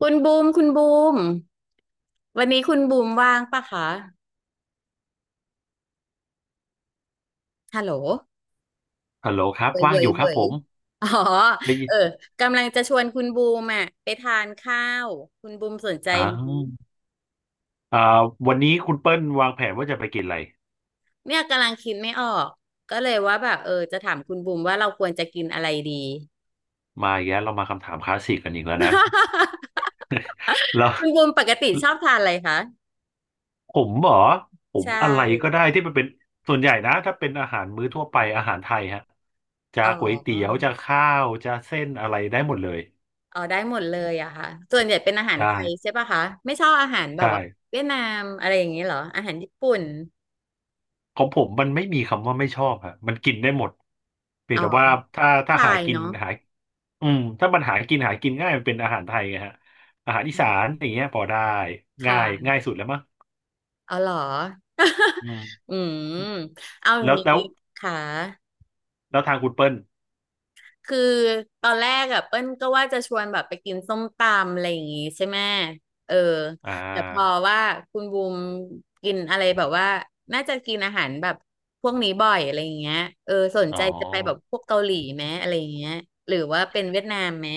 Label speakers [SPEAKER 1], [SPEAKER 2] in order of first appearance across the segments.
[SPEAKER 1] คุณบูมคุณบูมวันนี้คุณบูมว่างปะคะฮัลโหล
[SPEAKER 2] ฮัลโหลครับ
[SPEAKER 1] เว่ย
[SPEAKER 2] ว่าง
[SPEAKER 1] เว่
[SPEAKER 2] อ
[SPEAKER 1] ย
[SPEAKER 2] ยู่ครั
[SPEAKER 1] เว่
[SPEAKER 2] บผ
[SPEAKER 1] ย
[SPEAKER 2] ม
[SPEAKER 1] อ๋อ
[SPEAKER 2] ได้ยิ
[SPEAKER 1] เออ
[SPEAKER 2] น
[SPEAKER 1] กำลังจะชวนคุณบูมอ่ะไปทานข้าวคุณบูมสนใจ
[SPEAKER 2] อ่า
[SPEAKER 1] ไหม
[SPEAKER 2] วอ่าวันนี้คุณเปิ้ลวางแผนว่าจะไปกินอะไร
[SPEAKER 1] เนี่ยกำลังคิดไม่ออกก็เลยว่าแบบเออจะถามคุณบูมว่าเราควรจะกินอะไรดี
[SPEAKER 2] มาอีกแล้วเรามาคำถามคลาสสิกกันอีกแล้วนะแล้ว
[SPEAKER 1] คุณบูมปกติชอบทานอะไรคะ
[SPEAKER 2] ผมเหรอผม
[SPEAKER 1] ใช่
[SPEAKER 2] อะไรก็ได้ที่มันเป็นส่วนใหญ่นะถ้าเป็นอาหารมื้อทั่วไปอาหารไทยฮะจะ
[SPEAKER 1] อ๋
[SPEAKER 2] ก๋วยเตี๋ยว
[SPEAKER 1] อ
[SPEAKER 2] จะข้าวจะเส้นอะไรได้หมดเลย
[SPEAKER 1] อ๋อได้หมดเลยอะค่ะส่วนใหญ่เป็นอาหาร
[SPEAKER 2] ใช่
[SPEAKER 1] ไทยใช่ปะคะไม่ชอบอาหารแบบ
[SPEAKER 2] ใช่
[SPEAKER 1] ว่าเวียดนามอะไรอย่างนี้เหรออาหารญี่ปุ่น
[SPEAKER 2] ของผมมันไม่มีคำว่าไม่ชอบฮะมันกินได้หมดเพียง
[SPEAKER 1] อ๋อ
[SPEAKER 2] แต่ว่าถ้า
[SPEAKER 1] ผู้
[SPEAKER 2] ถ้า
[SPEAKER 1] ชา
[SPEAKER 2] หา
[SPEAKER 1] ย
[SPEAKER 2] กิน
[SPEAKER 1] เนาะ
[SPEAKER 2] หา อืมถ้ามันหากินหากินง่ายมันเป็นอาหารไทยไงฮะอาหารอี
[SPEAKER 1] อื
[SPEAKER 2] สาน
[SPEAKER 1] ม
[SPEAKER 2] อย่างเงี้ยพอได้
[SPEAKER 1] ค
[SPEAKER 2] ง่าย
[SPEAKER 1] ่ะ
[SPEAKER 2] สุดแล้วมั้ง
[SPEAKER 1] เอาเหรอ
[SPEAKER 2] อืม
[SPEAKER 1] อืมเอาอย่า
[SPEAKER 2] แล้
[SPEAKER 1] ง
[SPEAKER 2] วแล้ว
[SPEAKER 1] นี้ค่ะ
[SPEAKER 2] แล้วทางคุณเปิ้ล
[SPEAKER 1] คือตอนแรกอะเปิ้ลก็ว่าจะชวนแบบไปกินส้มตำอะไรอย่างงี้ใช่ไหมเออ
[SPEAKER 2] อ่
[SPEAKER 1] แต่พอ
[SPEAKER 2] า
[SPEAKER 1] ว่าคุณบูมกินอะไรแบบว่าน่าจะกินอาหารแบบพวกนี้บ่อยอะไรอย่างเงี้ยเออสน
[SPEAKER 2] อ๋อ
[SPEAKER 1] ใจจะไปแบบพวกเกาหลีไหมอะไรอย่างเงี้ยหรือว่าเป็นเวียดนามไหม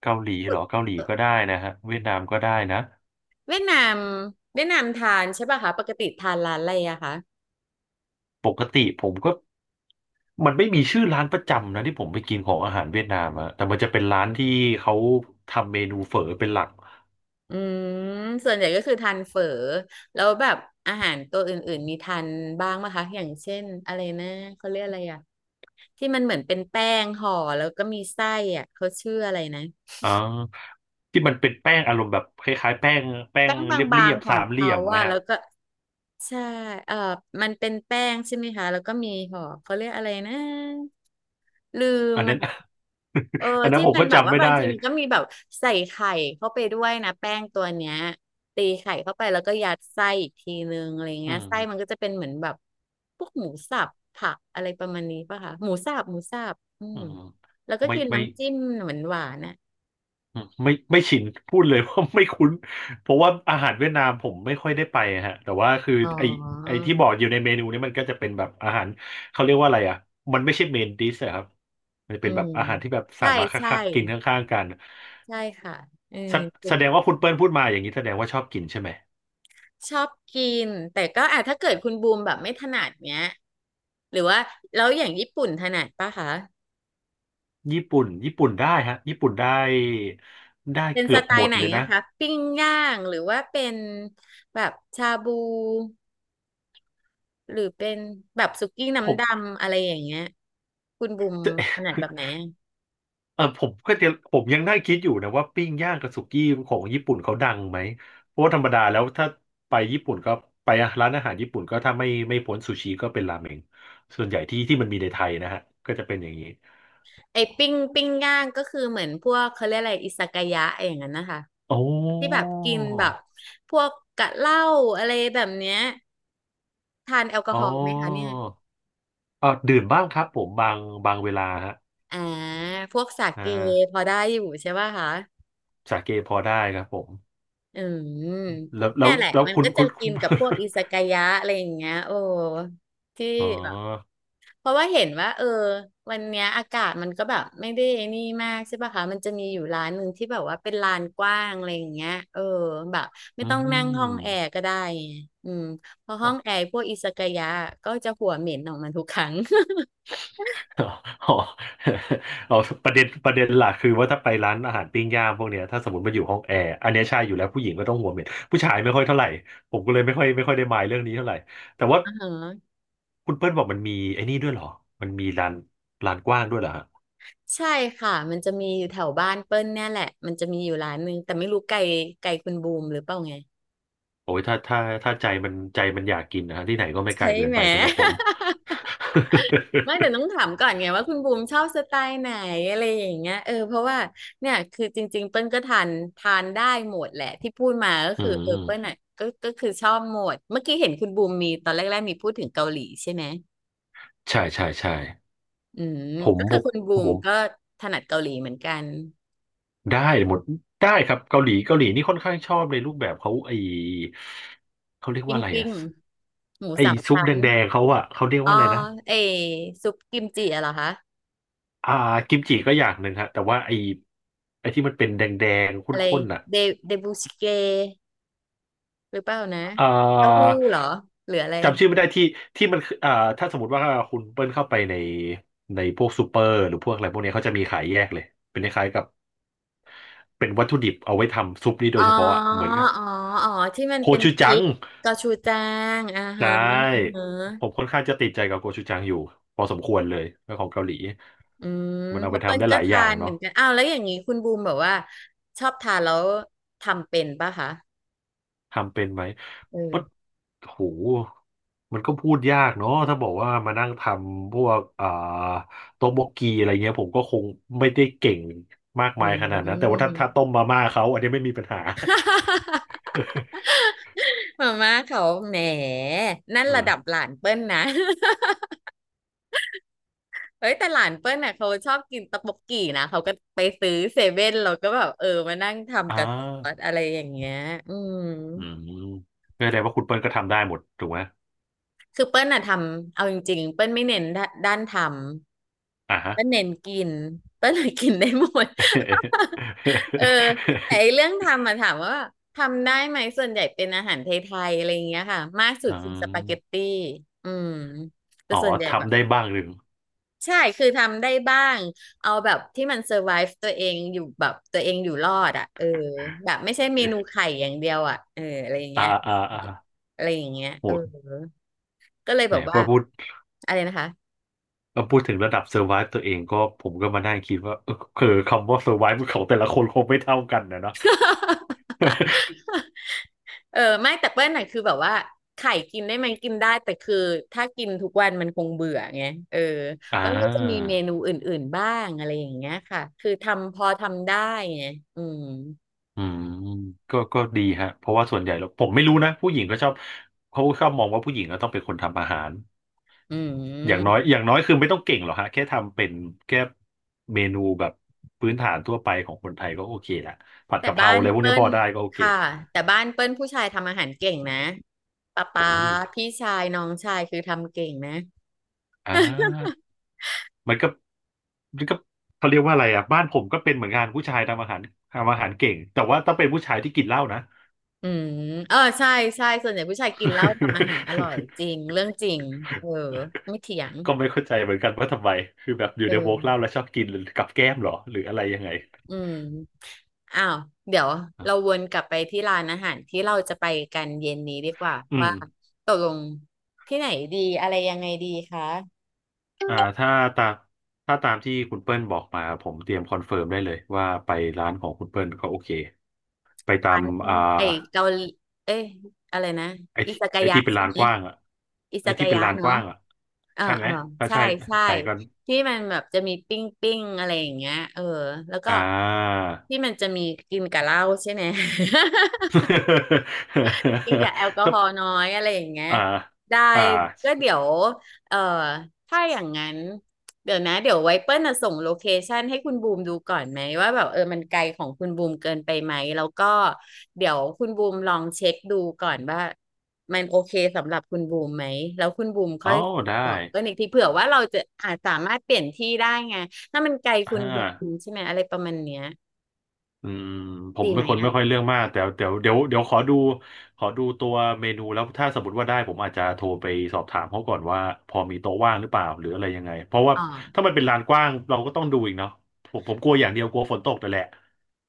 [SPEAKER 2] เกาหลีเหรอเกาหลี
[SPEAKER 1] เออ
[SPEAKER 2] ก็ได้นะฮะเวียดนามก็ได้นะ
[SPEAKER 1] เวียดนามทานใช่ป่ะคะปกติทานร้านอะไรอะคะ
[SPEAKER 2] ปกติผมก็มันไม่มีชื่อร้านประจำนะที่ผมไปกินของอาหารเวียดนามอะแต่มันจะเป็นร้านที่เขาทำเมนูเฝอเป็นหลัก
[SPEAKER 1] อืมส่วนใหญ่ก็คือทานเฝอแล้วแบบอาหารตัวอื่นๆมีทานบ้างไหมคะอย่างเช่นอะไรนะเขาเรียกอะไรอ่ะที่มันเหมือนเป็นแป้งห่อแล้วก็มีไส้อ่ะเขาชื่ออะไรนะ
[SPEAKER 2] อ่าที่มันเป็นแป้งอารมณ์แบบคล้ายๆแป้งแป้ง
[SPEAKER 1] แป้งบ
[SPEAKER 2] เ
[SPEAKER 1] า
[SPEAKER 2] รี
[SPEAKER 1] ง
[SPEAKER 2] ยบ
[SPEAKER 1] ๆข
[SPEAKER 2] ๆ
[SPEAKER 1] อ
[SPEAKER 2] สา
[SPEAKER 1] ง
[SPEAKER 2] มเหลี่
[SPEAKER 1] เขา
[SPEAKER 2] ยมไหม
[SPEAKER 1] ว่า
[SPEAKER 2] ฮะ
[SPEAKER 1] แล้วก็ใช่เออมันเป็นแป้งใช่ไหมคะแล้วก็มีห่อเขาเรียกอะไรนะลืม
[SPEAKER 2] อัน
[SPEAKER 1] อ่ะ
[SPEAKER 2] นั้น
[SPEAKER 1] เออ
[SPEAKER 2] อันนั้น
[SPEAKER 1] ที่
[SPEAKER 2] ผม
[SPEAKER 1] มัน
[SPEAKER 2] ก็
[SPEAKER 1] แบบ
[SPEAKER 2] จำ
[SPEAKER 1] ว่า
[SPEAKER 2] ไม่
[SPEAKER 1] บา
[SPEAKER 2] ได้
[SPEAKER 1] งทีมันก็มีแบบใส่ไข่เข้าไปด้วยนะแป้งตัวเนี้ยตีไข่เข้าไปแล้วก็ยัดไส้อีกทีนึงอะไร
[SPEAKER 2] อื
[SPEAKER 1] เงี้ย
[SPEAKER 2] ม
[SPEAKER 1] ไส้มันก็จะเป็นเหมือนแบบพวกหมูสับผักอะไรประมาณนี้ป่ะคะหมูสับอื
[SPEAKER 2] อื
[SPEAKER 1] ม
[SPEAKER 2] ม
[SPEAKER 1] แล้วก็
[SPEAKER 2] ไม่
[SPEAKER 1] กิน
[SPEAKER 2] ไม่
[SPEAKER 1] น้ำจิ้มเหมือนหวานๆน่ะ
[SPEAKER 2] อืมไม่ชินพูดเลย ว่าไม่คุ้นเพราะว่าอาหารเวียดนามผมไม่ค่อยได้ไปอะฮะแต่ว่าคือ
[SPEAKER 1] อ๋อ
[SPEAKER 2] ไอไอที่บอกอยู่ในเมนูนี่มันก็จะเป็นแบบอาหารเขาเรียกว่าอะไรอ่ะมันไม่ใช่เมนดิสอะครับมัน
[SPEAKER 1] อื
[SPEAKER 2] เป็นแบบ
[SPEAKER 1] ม
[SPEAKER 2] อาหารที่แบบสั่
[SPEAKER 1] ใช่
[SPEAKER 2] งมา
[SPEAKER 1] ใช่
[SPEAKER 2] คักๆกินข้างๆกัน
[SPEAKER 1] ใช่ค่ะเออ
[SPEAKER 2] แส
[SPEAKER 1] กิ
[SPEAKER 2] แส
[SPEAKER 1] น
[SPEAKER 2] ด
[SPEAKER 1] แบ
[SPEAKER 2] ง
[SPEAKER 1] บ
[SPEAKER 2] ว่าคุณเปิ้ลพูดมาอย่างนี้แสดงว่าชอบกินใช่ไหม
[SPEAKER 1] ชอบกินแต่ก็อ่ะถ้าเกิดคุณบูมแบบไม่ถนัดเนี้ยหรือว่าแล้วอย่างญี่ปุ่นถนัดป่ะคะ
[SPEAKER 2] ญี่ปุ่นได้ฮะญี่ปุ่นได้ได้
[SPEAKER 1] เป็น
[SPEAKER 2] เกื
[SPEAKER 1] ส
[SPEAKER 2] อบ
[SPEAKER 1] ไต
[SPEAKER 2] หม
[SPEAKER 1] ล์
[SPEAKER 2] ด
[SPEAKER 1] ไหน
[SPEAKER 2] เลยนะ
[SPEAKER 1] อะคะปิ้งย่างหรือว่าเป็นแบบชาบูหรือเป็นแบบสุกี้
[SPEAKER 2] ผ
[SPEAKER 1] น้ำด
[SPEAKER 2] ม
[SPEAKER 1] ำอะไรอย่างเงี้ยคุณบุมถนัดแบบไหนอะ
[SPEAKER 2] เออผมก็จะผมยังได้คิดอยู่นะว่าปิ้งย่างกับสุกี้ของญี่ปุ่นเขาดังไหมเพราะว่าธรรมดาแล้วถ้าไปญี่ปุ่นก็ไปร้านอาหารญี่ปุ่นก็ถ้าไม่พ้นซูชิก็เป็นราเมงส่วนใหญ่ที่มันมีในไทยนะฮะก็จะเป็นอย่างนี้
[SPEAKER 1] ไอ้ปิ้งย่างก็คือเหมือนพวกเขาเรียกอะไรอิซากายะอย่างนั้นนะคะ
[SPEAKER 2] โอ้
[SPEAKER 1] ที่แบบกินแบบพวกกะเหล้าอะไรแบบเนี้ยทานแอลกอ
[SPEAKER 2] อ๋
[SPEAKER 1] ฮ
[SPEAKER 2] อ
[SPEAKER 1] อล์ไหมคะเนี่ย
[SPEAKER 2] เออดื่มบ้างครับผมบางบางเวลาฮะ
[SPEAKER 1] อ่าพวกสา
[SPEAKER 2] อ่
[SPEAKER 1] เกพ
[SPEAKER 2] า
[SPEAKER 1] อได้อยู่ใช่ป่ะคะ
[SPEAKER 2] สาเกพอได้ครับผม
[SPEAKER 1] อืม
[SPEAKER 2] แล้วแล้
[SPEAKER 1] เนี่
[SPEAKER 2] ว
[SPEAKER 1] ยแหละ
[SPEAKER 2] แล้ว
[SPEAKER 1] มัน
[SPEAKER 2] คุณ
[SPEAKER 1] ก็จะ
[SPEAKER 2] คุณคุ
[SPEAKER 1] กิ
[SPEAKER 2] ณ
[SPEAKER 1] นกับพวกอิซากายะอะไรอย่างเงี้ยโอ้ที่
[SPEAKER 2] อ๋อ
[SPEAKER 1] แบบเพราะว่าเห็นว่าเออวันเนี้ยอากาศมันก็แบบไม่ได้นี่มากใช่ป่ะคะมันจะมีอยู่ร้านหนึ่งที่แบบว่าเป็นลานกว้างอะไรอย่างเงี้ยเออแบบไม่
[SPEAKER 2] อื
[SPEAKER 1] ต้องนั่งห้องแอร์
[SPEAKER 2] ม
[SPEAKER 1] ก็ได้ไงอืมเพราะห้องแอร์พวกอิซากายะก็จะหัวเหม็นออกมาทุกครั้ง
[SPEAKER 2] อ๋อ อ๋อเอาประเด็นหลักคือว่าถ้าไปร้านอาหารปิ้งย่างพวกเนี้ยถ้าสมมติมาอยู่ห้องแอร์อันเนี้ยใช่อยู่แล้วผู้หญิงก็ต้องหัวเหม็นผู้ชายไม่ค่อยเท่าไหร่ผมก็เลยไม่ค่อยได้มายเรื่องนี้เท่าไหร่แต่ว่า
[SPEAKER 1] อ่าฮะ
[SPEAKER 2] คุณเปิ้ลบอกมันมีไอ้นี่ด้วยเหรอมันมีร้านร้านกว้างด้วยเหรอฮะ
[SPEAKER 1] ใช่ค่ะมันจะมีอยู่แถวบ้านเปิ้ลเนี่ยแหละมันจะมีอยู่ร้านหนึงแต่ไม่รู้ไกลไกลคุณบูมหรือเปล่าไง
[SPEAKER 2] โอ้ยถ้าถ้าใจมันใจมันอยากกินนะฮะที่ไหนก็ไม่ไกล
[SPEAKER 1] ใช่
[SPEAKER 2] เกิน
[SPEAKER 1] ไหม
[SPEAKER 2] ไปสำหรับผม
[SPEAKER 1] ไม่แต่ ต้องถามก่อนไงว่าคุณบูมชอบสไตล์ไหนอะไรอย่างเงี้ยเออเพราะว่าเนี่ยคือจริงๆเปิ้ลก็ทานได้หมดแหละที่พูดมาก็
[SPEAKER 2] อื
[SPEAKER 1] คือเออเปิ้ล
[SPEAKER 2] ม
[SPEAKER 1] อ่ะก็คือชอบหมดเมื่อกี้เห็นคุณบูมมีตอนแรกๆมีพูดถึงเกาหลีใช่ไหม
[SPEAKER 2] ใช่ใช่
[SPEAKER 1] อืม
[SPEAKER 2] ผม
[SPEAKER 1] ก็
[SPEAKER 2] ผ
[SPEAKER 1] คือคุณบู
[SPEAKER 2] ม
[SPEAKER 1] ม
[SPEAKER 2] ผม
[SPEAKER 1] ก็ถนัดเกาหลีเหมือนกัน
[SPEAKER 2] ได้หมดได้ครับเกาหลีนี่ค่อนข้างชอบในรูปแบบเขาไอเขาเรียก
[SPEAKER 1] ปิ้
[SPEAKER 2] ว่า
[SPEAKER 1] ง
[SPEAKER 2] อะไรอะ
[SPEAKER 1] หมู
[SPEAKER 2] ไอ
[SPEAKER 1] สาม
[SPEAKER 2] ซุป
[SPEAKER 1] ชั้น
[SPEAKER 2] แดงๆเขาอะเขาเรียก
[SPEAKER 1] อ๋อ
[SPEAKER 2] ว่าอะไรนะ
[SPEAKER 1] เอซุปกิมจิอะเหรอคะ
[SPEAKER 2] อ่ากิมจิก็อย่างหนึ่งฮะแต่ว่าไอไอที่มันเป็นแดงๆข
[SPEAKER 1] อะไร
[SPEAKER 2] ้นๆอะ
[SPEAKER 1] เดเดบูสเกหรือเปล่านะ
[SPEAKER 2] อ่า
[SPEAKER 1] เต้าหู้เหรอหรืออะไร
[SPEAKER 2] จำชื่อไม่ได้ที่มันคืออ่าถ้าสมมติว่าคุณเปิ้ลเข้าไปในพวกซูเปอร์หรือพวกอะไรพวกเนี้ยเขาจะมีขายแยกเลยเป็นคล้ายๆกับเป็นวัตถุดิบเอาไว้ทำซุปนี้โด
[SPEAKER 1] อ๋อ
[SPEAKER 2] ยเฉพาะอะเหมือนกับ
[SPEAKER 1] อ๋ออ๋อ ที่มัน
[SPEAKER 2] โค
[SPEAKER 1] เป็น
[SPEAKER 2] ชู
[SPEAKER 1] พ
[SPEAKER 2] จั
[SPEAKER 1] ริ
[SPEAKER 2] ง
[SPEAKER 1] กกระชูแจ้งอ่า
[SPEAKER 2] ใช
[SPEAKER 1] ฮะอ่า
[SPEAKER 2] ่
[SPEAKER 1] ฮะ
[SPEAKER 2] ผมค่อนข้างจะติดใจกับโกชูจังอยู่พอสมควรเลยเรื่องของเกาหลี
[SPEAKER 1] อืม
[SPEAKER 2] มันเอา
[SPEAKER 1] เพ
[SPEAKER 2] ไป
[SPEAKER 1] บเปิ้
[SPEAKER 2] ทำ
[SPEAKER 1] ล
[SPEAKER 2] ได้ห
[SPEAKER 1] ก็
[SPEAKER 2] ลายอ
[SPEAKER 1] ทา
[SPEAKER 2] ย่าง
[SPEAKER 1] นเหมื
[SPEAKER 2] เนาะ
[SPEAKER 1] อนกันอ้าวแล้วอย่างนี้คุณบูมแบบว่าชอบทานแล้วทำเป็นป่ะคะ
[SPEAKER 2] ทำเป็นไหม
[SPEAKER 1] เออ
[SPEAKER 2] ปั๊ดโหมันก็พูดยากเนาะถ้าบอกว่ามานั่งทำพวกอ่าโต๊ะบกกีอะไรเงี้ยผมก็คงไม่ได้เก่งมาก
[SPEAKER 1] อื
[SPEAKER 2] มายขนาดนั้นแต่ว่า
[SPEAKER 1] ม
[SPEAKER 2] ถ้าต้มมาม่าเขาอันนี้ไม่มีปัญหา
[SPEAKER 1] มาม่าเขาแหมนั่น
[SPEAKER 2] เอ
[SPEAKER 1] ระ
[SPEAKER 2] อ
[SPEAKER 1] ดับหลานเปิ้ลนะ เฮ้ยแต่หลานเปิ้ลน่ะเขาชอบกินตะบกกี่นะเขาก็ไปซื้อเซเว่นเราก็แบบเออมานั่ง
[SPEAKER 2] อ่
[SPEAKER 1] ทำกับซอส
[SPEAKER 2] า
[SPEAKER 1] อะไรอย่างเงี้ยอืม
[SPEAKER 2] อืมก็แสดงว่าคุณเปิ้ลก็ทำได้หมดถูกไหม
[SPEAKER 1] คือเปิ้ลอะทำเอาจริงๆเปิ้ลไม่เน้นด้านท
[SPEAKER 2] อ่า
[SPEAKER 1] ำ
[SPEAKER 2] ฮะ
[SPEAKER 1] เปิ้ลเน้นกินเปิ้ลเลยกินได้หมด เออแต่ไอ้เรื่ องทำมาถามว่าทำได้ไหมส่วนใหญ่เป็นอาหารไทยๆอะไรอย่างเงี้ยค่ะมากสุด
[SPEAKER 2] อ๋
[SPEAKER 1] คือสปาเกต
[SPEAKER 2] อ
[SPEAKER 1] ตี้อืมแต่
[SPEAKER 2] อ๋อ
[SPEAKER 1] ส่วนใหญ่แบบ
[SPEAKER 2] ทำได้บ้างหรือ
[SPEAKER 1] ใช่คือทำได้บ้างเอาแบบที่มันเซอร์ไ e ฟ์ตัวเองอยู่แบบตัวเองอยู่รอดอ่ะเออแบบไม่ใช่เม
[SPEAKER 2] เอ๊ะ
[SPEAKER 1] นูไข่อย่างเดียวอ่ะเอออะไรอย่าง
[SPEAKER 2] อ่า
[SPEAKER 1] เงี้ย
[SPEAKER 2] อ่าอ่า
[SPEAKER 1] อะไรอย่างเงี้ย
[SPEAKER 2] โห
[SPEAKER 1] เออ ก็เลย
[SPEAKER 2] แหม
[SPEAKER 1] แบบ
[SPEAKER 2] พ
[SPEAKER 1] ว่า
[SPEAKER 2] อพูด
[SPEAKER 1] อะไรนะคะ
[SPEAKER 2] พอพูดถึงระดับเซอร์ไวส์ตัวเองก็ผมก็มานั่งคิดว่าเออคือคำว่าเซอร์ไวส์ของแต่ละคนคงไม่เท่ากันนะเนาะ
[SPEAKER 1] เออไม่แต่เปิ้ลน่ะคือแบบว่าไข่กินได้ไหมกินได้แต่คือถ้ากินทุกวันมันคงเบื่อไงเออ
[SPEAKER 2] อ่า
[SPEAKER 1] เปิ้ลก็จะมีเมนูอื่นๆบ้างอะไรอย่างเงี้ยค่ะคือทำพอทำได้ไงอืม
[SPEAKER 2] อืมก็ก็ดีฮะเพราะว่าส่วนใหญ่แล้วผมไม่รู้นะผู้หญิงก็ชอบเขาชอบมองว่าผู้หญิงก็ต้องเป็นคนทำอาหาร
[SPEAKER 1] อื
[SPEAKER 2] อย่างน้อ
[SPEAKER 1] ม
[SPEAKER 2] ยอย่างน้อยคือไม่ต้องเก่งหรอกฮะแค่ทำเป็นแค่เมนูแบบพื้นฐานทั่วไปของคนไทยก็โอเคละผัด
[SPEAKER 1] แต่
[SPEAKER 2] กะเพรา
[SPEAKER 1] บ้าน
[SPEAKER 2] อะไรพวกนี้
[SPEAKER 1] เปิ้
[SPEAKER 2] พ
[SPEAKER 1] ล
[SPEAKER 2] อได้ก็โอเค
[SPEAKER 1] ค่ะแต่บ้านเปิ้ลผู้ชายทำอาหารเก่งนะป๊าป๊า
[SPEAKER 2] โอ้ย
[SPEAKER 1] พี่ชายน้องชายคือทำเก่งนะ
[SPEAKER 2] อ่ามันก็มันก็เขาเรียกว่าอะไรอ่ะบ้านผมก็เป็นเหมือนกันผู้ชายทำอาหารทำอาหารเก่งแต่ว่าต้องเป็นผู้ชายที่กินเหล้านะ
[SPEAKER 1] อืมเออใช่ใช่ส่วนใหญ่ผู้ชายกินเหล้าทำอาหารอร่อยจริงเรื่องจริงเออไม่เถียง
[SPEAKER 2] ก็ไม่เข้าใจเหมือนกันว่าทำไมคือแบบอยู่
[SPEAKER 1] เอ
[SPEAKER 2] ในวงเล่า
[SPEAKER 1] อ
[SPEAKER 2] แล้วชอบกินหรือกับแก้มเหรอหรืออะไรยังไง
[SPEAKER 1] อืมอ้าวเดี๋ยวเราวนกลับไปที่ร้านอาหารที่เราจะไปกันเย็นนี้ดีกว่า
[SPEAKER 2] อืม
[SPEAKER 1] ว่าตกลงที่ไหนดีอะไรยังไงดีคะ
[SPEAKER 2] อ่าตามถ้าตามที่คุณเปิ้ลบอกมาผมเตรียมคอนเฟิร์มได้เลยว่าไปร้านของคุณเปิ้ลก็โอเคไปตา
[SPEAKER 1] ร้า
[SPEAKER 2] ม
[SPEAKER 1] น
[SPEAKER 2] อ่า
[SPEAKER 1] ไอ้เกาหลีเอ้ยอะไรนะ
[SPEAKER 2] ไอ้
[SPEAKER 1] อิ
[SPEAKER 2] ที่
[SPEAKER 1] ซากา
[SPEAKER 2] ไอ้
[SPEAKER 1] ยะ
[SPEAKER 2] ที่เป็น
[SPEAKER 1] ใช่
[SPEAKER 2] ลาน
[SPEAKER 1] ไหม
[SPEAKER 2] กว้างอ่ะ
[SPEAKER 1] อิ
[SPEAKER 2] ไอ้
[SPEAKER 1] ซากา
[SPEAKER 2] ที่เป็น
[SPEAKER 1] ยะ
[SPEAKER 2] ลานก
[SPEAKER 1] เนาะ
[SPEAKER 2] ว้างอ่ะ
[SPEAKER 1] อ่า
[SPEAKER 2] ใช่ไหม
[SPEAKER 1] อ่า
[SPEAKER 2] ถ้า
[SPEAKER 1] ใช่
[SPEAKER 2] ใช่
[SPEAKER 1] ใช่
[SPEAKER 2] ใช่ก็
[SPEAKER 1] ที่มันแบบจะมีปิ้งปิ้งอะไรอย่างเงี้ยเออแล้วก็
[SPEAKER 2] อ่า
[SPEAKER 1] ที่มันจะมีกินกับเหล้าใช่ไหม กินกับแอลก อฮ
[SPEAKER 2] ถ้า
[SPEAKER 1] อล์น้อยอะไรอย่างเงี้ย
[SPEAKER 2] อ่า
[SPEAKER 1] ได้
[SPEAKER 2] อ่า
[SPEAKER 1] ก็เดี๋ยวเอ่อถ้าอย่างนั้นเดี๋ยวนะเดี๋ยวไว้เปิ้ลน่ะส่งโลเคชันให้คุณบูมดูก่อนไหมว่าแบบเออมันไกลของคุณบูมเกินไปไหมแล้วก็เดี๋ยวคุณบูมลองเช็คดูก่อนว่ามันโอเคสำหรับคุณบูมไหมแล้วคุณบูมค่
[SPEAKER 2] อ๋
[SPEAKER 1] อ
[SPEAKER 2] อ
[SPEAKER 1] ย
[SPEAKER 2] ได้
[SPEAKER 1] บอกเปิ้ลอีกทีเผื่อว่าเราจะอาจสามารถเปลี่ยนที่ได้ไงถ้ามันไกลคุ
[SPEAKER 2] อ่
[SPEAKER 1] ณบูม
[SPEAKER 2] า
[SPEAKER 1] ใช่ไหมอะไรประมาณเนี้ย
[SPEAKER 2] อืมผม
[SPEAKER 1] ดี
[SPEAKER 2] เป็
[SPEAKER 1] ไห
[SPEAKER 2] น
[SPEAKER 1] ม
[SPEAKER 2] คนไม่ค่อ
[SPEAKER 1] อ่ะ
[SPEAKER 2] ยเรื่องมากแต่เดี๋ยวขอดูขอดูตัวเมนูแล้วถ้าสมมติว่าได้ผมอาจจะโทรไปสอบถามเขาก่อนว่าพอมีโต๊ะว่างหรือเปล่าหรืออะไรยังไงเพราะว่า
[SPEAKER 1] อ๋อ
[SPEAKER 2] ถ้ามันเป็นลานกว้างเราก็ต้องดูอีกเนาะผมกลัวอย่างเดียวกลัวฝนตกแต่นแหละ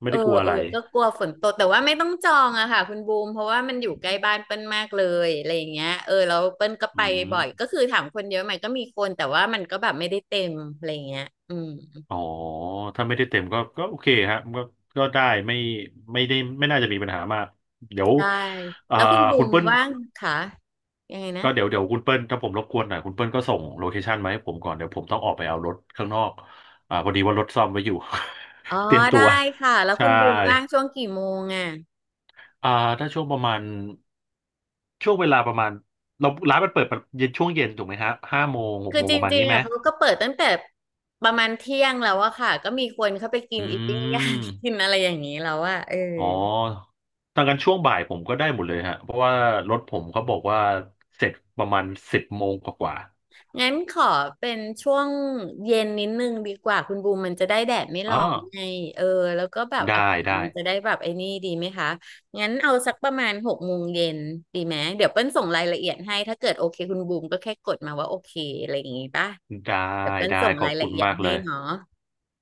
[SPEAKER 2] ไม่
[SPEAKER 1] เออ
[SPEAKER 2] ได้กลัว
[SPEAKER 1] เอ
[SPEAKER 2] อะ
[SPEAKER 1] อ
[SPEAKER 2] ไร
[SPEAKER 1] ก็กลัวฝนตกแต่ว่าไม่ต้องจองอะค่ะคุณบูมเพราะว่ามันอยู่ใกล้บ้านเปิ้ลมากเลยอะไรอย่างเงี้ยเออแล้วเปิ้ลก็
[SPEAKER 2] อื
[SPEAKER 1] ไปบ่อย
[SPEAKER 2] ม
[SPEAKER 1] ก็คือถามคนเยอะไหมก็มีคนแต่ว่ามันก็แบบไม่ได้เต็มอะไรอย่างเงี้ยอืม
[SPEAKER 2] อ๋อถ้าไม่ได้เต็มก็ก็โอเคฮะก็ก็ได้ไม่ไม่ได้ไม่น่าจะมีปัญหามากเดี๋ยว
[SPEAKER 1] ได้
[SPEAKER 2] อ่า
[SPEAKER 1] แล้วคุณบู
[SPEAKER 2] คุณ
[SPEAKER 1] ม
[SPEAKER 2] เปิ้ล
[SPEAKER 1] ว่างค่ะยังไงนะ
[SPEAKER 2] ก็เดี๋ยวคุณเปิ้ลถ้าผมรบกวนหน่อยคุณเปิ้ลก็ส่งโลเคชันมาให้ผมก่อนเดี๋ยวผมต้องออกไปเอารถข้างนอกอ่าพอดีว่ารถซ่อมไว้อยู่
[SPEAKER 1] อ๋อ
[SPEAKER 2] เตรียมตั
[SPEAKER 1] ได้
[SPEAKER 2] ว
[SPEAKER 1] ค่ะแล้วคุ
[SPEAKER 2] ใช่
[SPEAKER 1] ณบูมว่างช่วงกี่โมงอะ
[SPEAKER 2] อ่าถ้าช่วงประมาณช่วงเวลาประมาณเราร้านมันเปิดเย็นช่วงเย็นถูกไหมฮะ5 โมงหก
[SPEAKER 1] คือ
[SPEAKER 2] โมง
[SPEAKER 1] จ
[SPEAKER 2] ประมาณ
[SPEAKER 1] ริง
[SPEAKER 2] นี้
[SPEAKER 1] ๆ
[SPEAKER 2] ไหม
[SPEAKER 1] อ่ะเขาก็เปิดตั้งแต่ประมาณเที่ยงแล้วอะค่ะก็มีคนเข้าไปกิ
[SPEAKER 2] อื
[SPEAKER 1] นอีติ้งย่าง กิน
[SPEAKER 2] ม
[SPEAKER 1] อะไรอย่างนี้แล้วอะเออ
[SPEAKER 2] อ๋อดังกันช่วงบ่ายผมก็ได้หมดเลยฮะเพราะว่ารถผมเขาบอกว่าเสร็จประมาณ10 โมงกว่า
[SPEAKER 1] งั้นขอเป็นช่วงเย็นนิดนึงดีกว่าคุณบูมมันจะได้แดดไม่
[SPEAKER 2] ๆอ๋อ
[SPEAKER 1] ร้อนไงเออแล้วก็แบบอา
[SPEAKER 2] ได้
[SPEAKER 1] กาศมั
[SPEAKER 2] ได้
[SPEAKER 1] นจะได้แบบไอ้นี่ดีไหมคะงั้นเอาสักประมาณ6 โมงเย็นดีไหมเดี๋ยวเปิ้ลส่งรายละเอียดให้ถ้าเกิดโอเคคุณบูมก็แค่กดมาว่าโอเคอะไรอย่างงี้ป่ะ
[SPEAKER 2] ได้
[SPEAKER 1] เดี๋ยวเปิ้ล
[SPEAKER 2] ได้
[SPEAKER 1] ส่ง
[SPEAKER 2] ขอ
[SPEAKER 1] รา
[SPEAKER 2] บ
[SPEAKER 1] ย
[SPEAKER 2] คุ
[SPEAKER 1] ละ
[SPEAKER 2] ณ
[SPEAKER 1] เอียด
[SPEAKER 2] มากเล
[SPEAKER 1] ให้
[SPEAKER 2] ย
[SPEAKER 1] เนาะ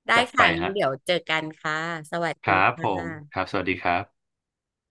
[SPEAKER 1] ได้
[SPEAKER 2] จัดไป
[SPEAKER 1] ค่ะงั้น
[SPEAKER 2] ฮะ
[SPEAKER 1] เดี๋ยวเจอกันค่ะสวัส
[SPEAKER 2] ค
[SPEAKER 1] ดี
[SPEAKER 2] รับ
[SPEAKER 1] ค่
[SPEAKER 2] ผม
[SPEAKER 1] ะ
[SPEAKER 2] ครับสวัสดีครับ